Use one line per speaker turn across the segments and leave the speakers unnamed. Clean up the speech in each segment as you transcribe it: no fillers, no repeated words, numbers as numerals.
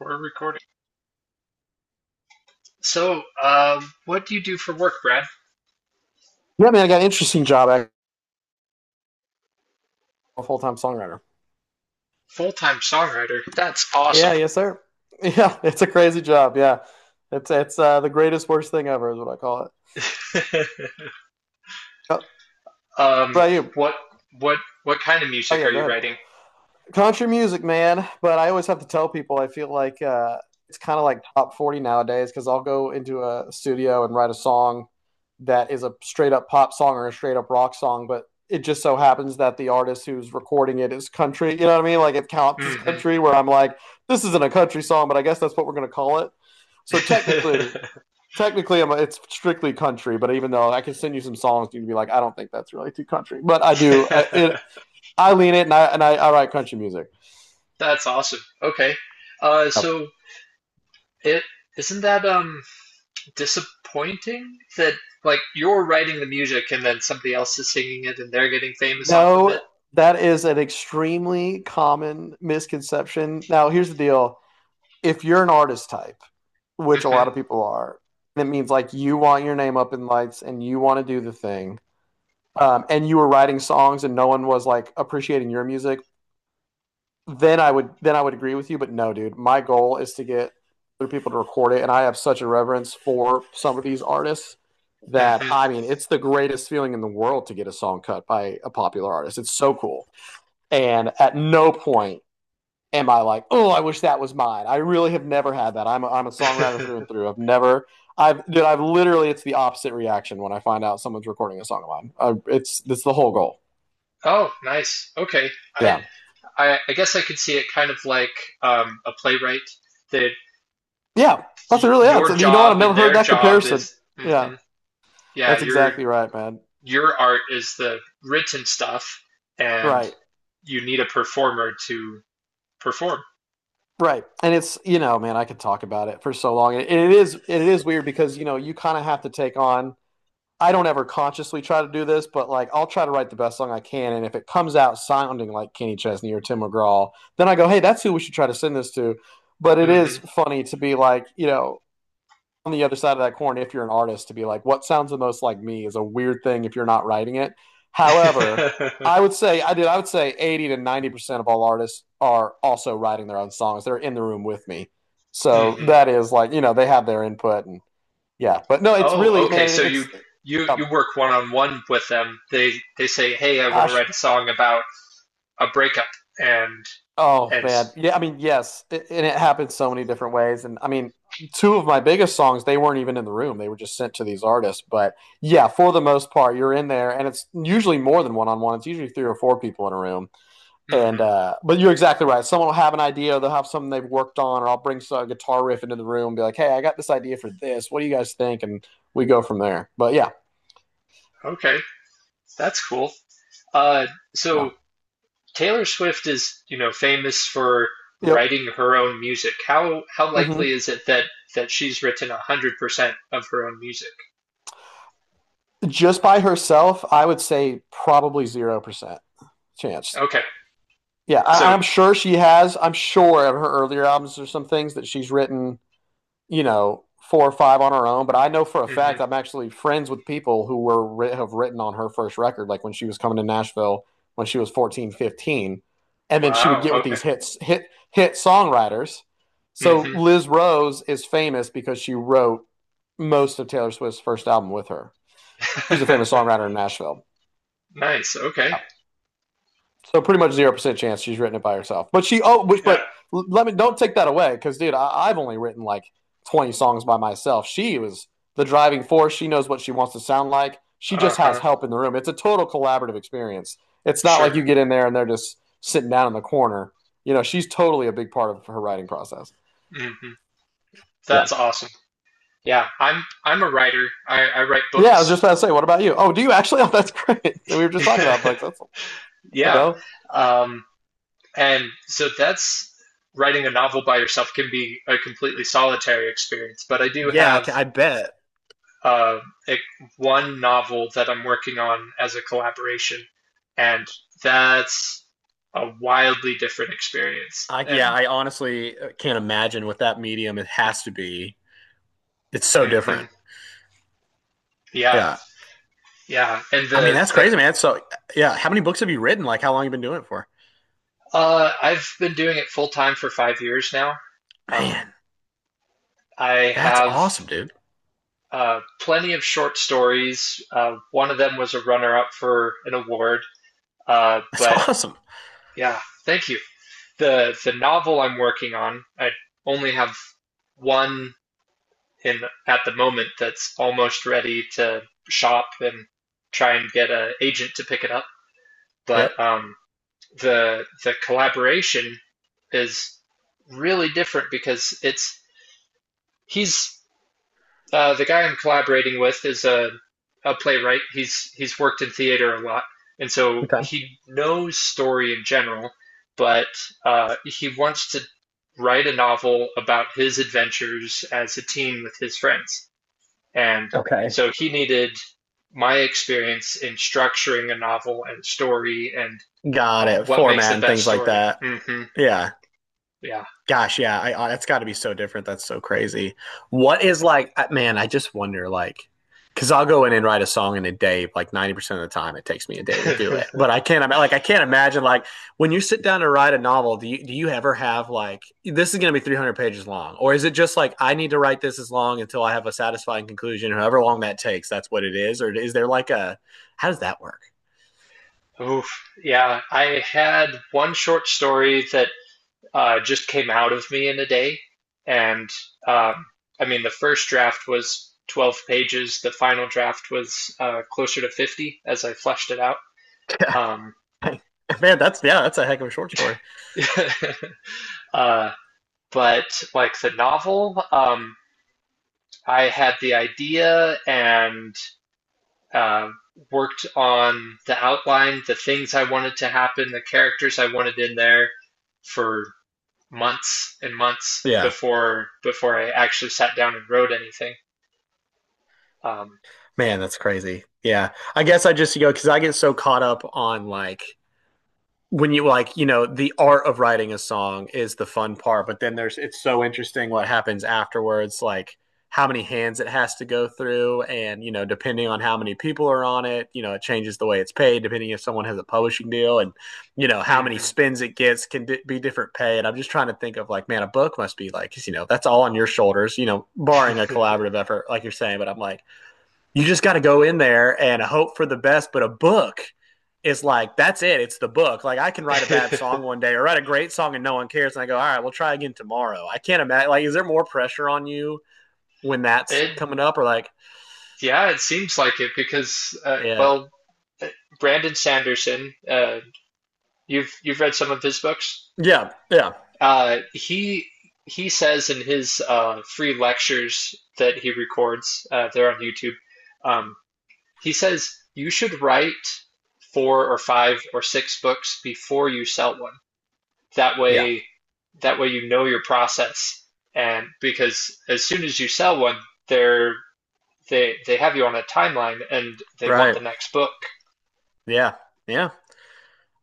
We're recording. So, what do you do for work, Brad?
Yeah, man, I got an interesting job. I'm a full time songwriter.
Full-time songwriter. That's awesome.
Yeah, yes, sir. Yeah, it's a crazy job. Yeah, it's the greatest worst thing ever is what I call it. Yep. What
Um,
about you?
what what what kind of
Oh
music are
yeah, go
you
ahead.
writing?
Country music, man. But I always have to tell people I feel like it's kind of like top 40 nowadays because I'll go into a studio and write a song that is a straight up pop song or a straight up rock song, but it just so happens that the artist who's recording it is country. You know what I mean? Like it counts as
Mm-hmm.
country. Where I'm like, this isn't a country song, but I guess that's what we're gonna call it. So technically, it's strictly country. But even though I can send you some songs, you'd be like, I don't think that's really too country. But I do.
Yeah.
I lean it, and I write country music.
That's awesome. Okay. Uh,
Yep.
so it isn't that disappointing that like you're writing the music and then somebody else is singing it and they're getting famous off of it?
No, that is an extremely common misconception. Now, here's the deal. If you're an artist type, which a lot of people are, it means like you want your name up in lights and you want to do the thing. And you were writing songs and no one was like appreciating your music, then I would agree with you. But no, dude, my goal is to get other people to record it. And I have such a reverence for some of these artists that I
Mm-hmm.
mean it's the greatest feeling in the world to get a song cut by a popular artist. It's so cool. And at no point am I like, oh, I wish that was mine. I really have never had that. I'm a songwriter through
Mm-hmm.
and through. I've never, I've, dude, it's the opposite reaction when I find out someone's recording a song of mine. It's the whole goal.
Oh, nice. Okay. I
Yeah.
I I guess I could see it kind of like a playwright that
Yeah. That's really, yeah.
your
So you know what? I've
job and
never heard
their
that
job
comparison.
is,
Yeah.
yeah,
That's exactly right, man.
your art is the written stuff, and
Right.
you need a performer to perform.
Right. And it's, you know, man, I could talk about it for so long. And it is weird because, you know, you kind of have to take on. I don't ever consciously try to do this, but like I'll try to write the best song I can, and if it comes out sounding like Kenny Chesney or Tim McGraw, then I go, "Hey, that's who we should try to send this to." But it is
Hmm
funny to be like, you know, on the other side of that corn, if you're an artist, to be like, "What sounds the most like me?" is a weird thing if you're not writing it. However, I would say I did. I would say 80% to 90% of all artists are also writing their own songs. They're in the room with me, so
hmm.
that is like you know they have their input and yeah. But no, it's
Oh,
really,
okay.
man,
So
it,
you
it's
you
um,
you work one on one with them. They say, hey, I want to
gosh.
write a song about a breakup, and
Oh,
and
man. Yeah, I mean, yes, and it happened so many different ways. And I mean, two of my biggest songs, they weren't even in the room. They were just sent to these artists. But yeah, for the most part, you're in there and it's usually more than one on one. It's usually three or four people in a room. And
hmm.
but you're exactly right. Someone will have an idea, they'll have something they've worked on, or I'll bring a guitar riff into the room and be like, "Hey, I got this idea for this. What do you guys think?" And we go from there. But yeah,
Okay, that's cool. Uh, so.
no.
Taylor Swift is, you know, famous for
Yep.
writing her own music. How likely
Hmm.
is it that she's written 100% of her own music?
Just by herself, I would say probably 0% chance.
Okay,
Yeah, I,
so
I'm sure she has. I'm sure of her earlier albums, there's some things that she's written, you know, four or five on her own. But I know for a fact
hmm,
I'm actually friends with people who were have written on her first record, like when she was coming to Nashville when she was 14, 15. And then she would
wow,
get with
okay,
these hit songwriters. So
hmm,
Liz Rose is famous because she wrote most of Taylor Swift's first album with her. She's a famous songwriter in Nashville.
nice, okay,
Yeah. So pretty much 0% chance she's written it by herself. But she oh, which
yeah,
but let me don't take that away because, dude, I've only written like 20 songs by myself. She was the driving force. She knows what she wants to sound like. She
uh
just has
huh,
help in the room. It's a total collaborative experience. It's not like
sure,
you get in there and they're just sitting down in the corner. You know, she's totally a big part of her writing process.
hmm,
Yeah.
that's awesome. Yeah, I'm a writer. I write
Yeah, I was just
books.
about to say, what about you? Oh, do you actually? Oh, that's great. We were just talking about books. That's there we
Yeah,
go.
um, and so that's writing a novel by yourself can be a completely solitary experience. But I do
Yeah,
have
I bet.
uh, it, one novel that I'm working on as a collaboration, and that's a wildly different experience.
I, yeah,
And
I honestly can't imagine what that medium it has to be. It's so
hmm,
different.
yeah,
Yeah.
yeah, and
I mean, that's
the
crazy, man. So, yeah. How many books have you written? Like, how long have you been doing it for?
I've been doing it full time for 5 years now. Um,
Man,
I
that's
have
awesome, dude.
plenty of short stories. One of them was a runner up for an award.
That's
But
awesome.
yeah, thank you. The novel I'm working on, I only have one in at the moment that's almost ready to shop and try and get an agent to pick it up. But
Yep.
the collaboration is really different because it's he's the guy I'm collaborating with is a playwright. He's worked in theater a lot, and so
Okay.
he knows story in general, but he wants to write a novel about his adventures as a teen with his friends. And
Okay.
so he needed my experience in structuring a novel and story and
Got it.
what makes the
Format and
best
things like
story.
that.
Hmm.
Yeah.
Yeah.
Gosh, yeah, that's got to be so different. That's so crazy. What is like, man? I just wonder, like, because I'll go in and write a song in a day. Like 90% of the time, it takes me a day to do it. But I can't, ima- like, I can't imagine, like, when you sit down to write a novel, do you ever have like, this is going to be 300 pages long, or is it just like, I need to write this as long until I have a satisfying conclusion, however long that takes, that's what it is, or is there like a, how does that work?
Oof. Yeah. I had one short story that just came out of me in a day. And um, I mean, the first draft was 12 pages, the final draft was closer to 50 as I fleshed it out.
Yeah.
Um,
Man, that's, yeah, that's a heck of a short story.
uh, but like the novel, I had the idea and um, worked on the outline, the things I wanted to happen, the characters I wanted in there for months and months
Yeah.
before I actually sat down and wrote anything. Um,
Man, that's crazy. Yeah. I guess I just, you know, because I get so caught up on like when you like you know the art of writing a song is the fun part, but then there's it's so interesting what happens afterwards, like how many hands it has to go through, and you know depending on how many people are on it, you know it changes the way it's paid, depending if someone has a publishing deal, and you know how many
mhm.
spins it gets can be different pay. And I'm just trying to think of like, man, a book must be like, you know, that's all on your shoulders, you know, barring a collaborative effort like you're saying. But I'm like, you just got to go in there and hope for the best. But a book is like, that's it. It's the book. Like, I can write a bad song one day or write a great song and no one cares. And I go, all right, we'll try again tomorrow. I can't imagine. Like, is there more pressure on you when that's
it
coming up or like,
yeah, it seems like it because
yeah,
well, uh, Brandon Sanderson, you've read some of his books.
yeah, yeah,
He he says in his free lectures that he records, they're on YouTube. Um, he says you should write four or five or six books before you sell one. That
yeah.
way, that way you know your process. And because as soon as you sell one, they're they have you on a timeline and they want
Right.
the next book.
Yeah, yeah.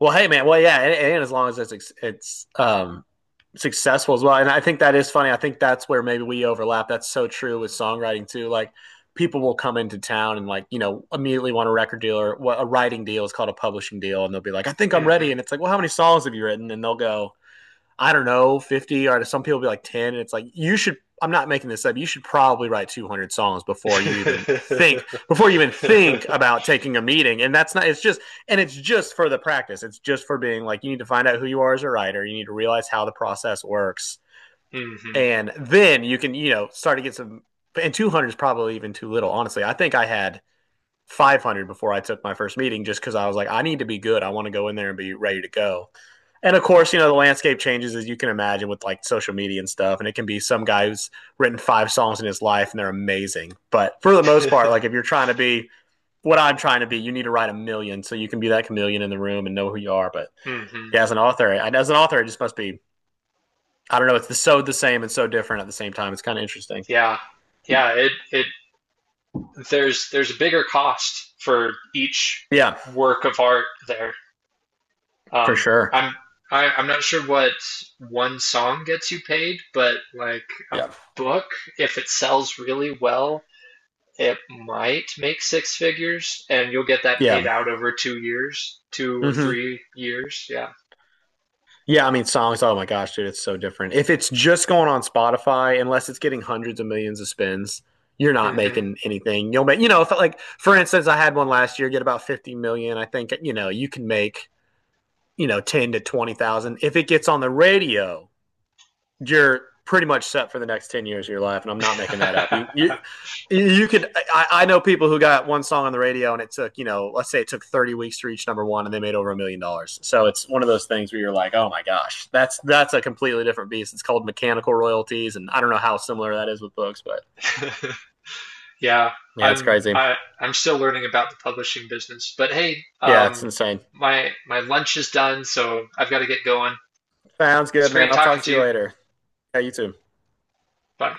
Well, hey, man. Well, yeah, and as long as it's successful as well, and I think that is funny. I think that's where maybe we overlap. That's so true with songwriting too. Like people will come into town and like you know immediately want a record deal or, well, a writing deal is called a publishing deal, and they'll be like, "I think I'm ready,"
Hmm.
and it's like, "Well, how many songs have you written?" And they'll go, I don't know, 50, or some people be like 10. And it's like, you should, I'm not making this up. You should probably write 200 songs before you even think,
Hmm.
before you even think about taking a meeting. And that's not, it's just, and it's just for the practice. It's just for being like, you need to find out who you are as a writer. You need to realize how the process works.
Hmm.
And then you can, you know, start to get some, and 200 is probably even too little. Honestly, I think I had 500 before I took my first meeting just because I was like, I need to be good. I want to go in there and be ready to go. And of course, you know, the landscape changes as you can imagine with like social media and stuff. And it can be some guy who's written five songs in his life and they're amazing. But for the most part, like if you're trying to be what I'm trying to be, you need to write a million so you can be that chameleon in the room and know who you are. But
Hmm.
yeah, as an author, it just must be, I don't know, it's so the same and so different at the same time. It's kind of interesting.
Yeah. Yeah, it there's a bigger cost for each
Yeah,
work of art there.
for
Um,
sure.
I'm I, I'm not sure what one song gets you paid, but like a
Yeah.
book, if it sells really well, it might make six figures, and you'll get that paid
Yeah.
out over 2 years, two or
Mm-hmm.
three years. Yeah.
Yeah, I mean songs. Oh my gosh, dude, it's so different. If it's just going on Spotify, unless it's getting hundreds of millions of spins, you're not making anything. You'll make, you know, if like for instance, I had one last year get about 50 million. I think you know you can make, you know, ten to twenty thousand if it gets on the radio. You're pretty much set for the next 10 years of your life, and I'm not making that up. you
Hmm.
you you could I, I know people who got one song on the radio, and it took, you know, let's say it took 30 weeks to reach number one, and they made over $1 million. So it's one of those things where you're like, oh my gosh, that's a completely different beast. It's called mechanical royalties, and I don't know how similar that is with books. But
yeah,
yeah, it's
I'm
crazy.
I I'm still learning about the publishing business. But hey,
Yeah, it's insane.
my my lunch is done, so I've got to get going.
Sounds
It's
good,
great
man. I'll
talking
talk to
to
you
you.
later. Yeah, you too.
Bye.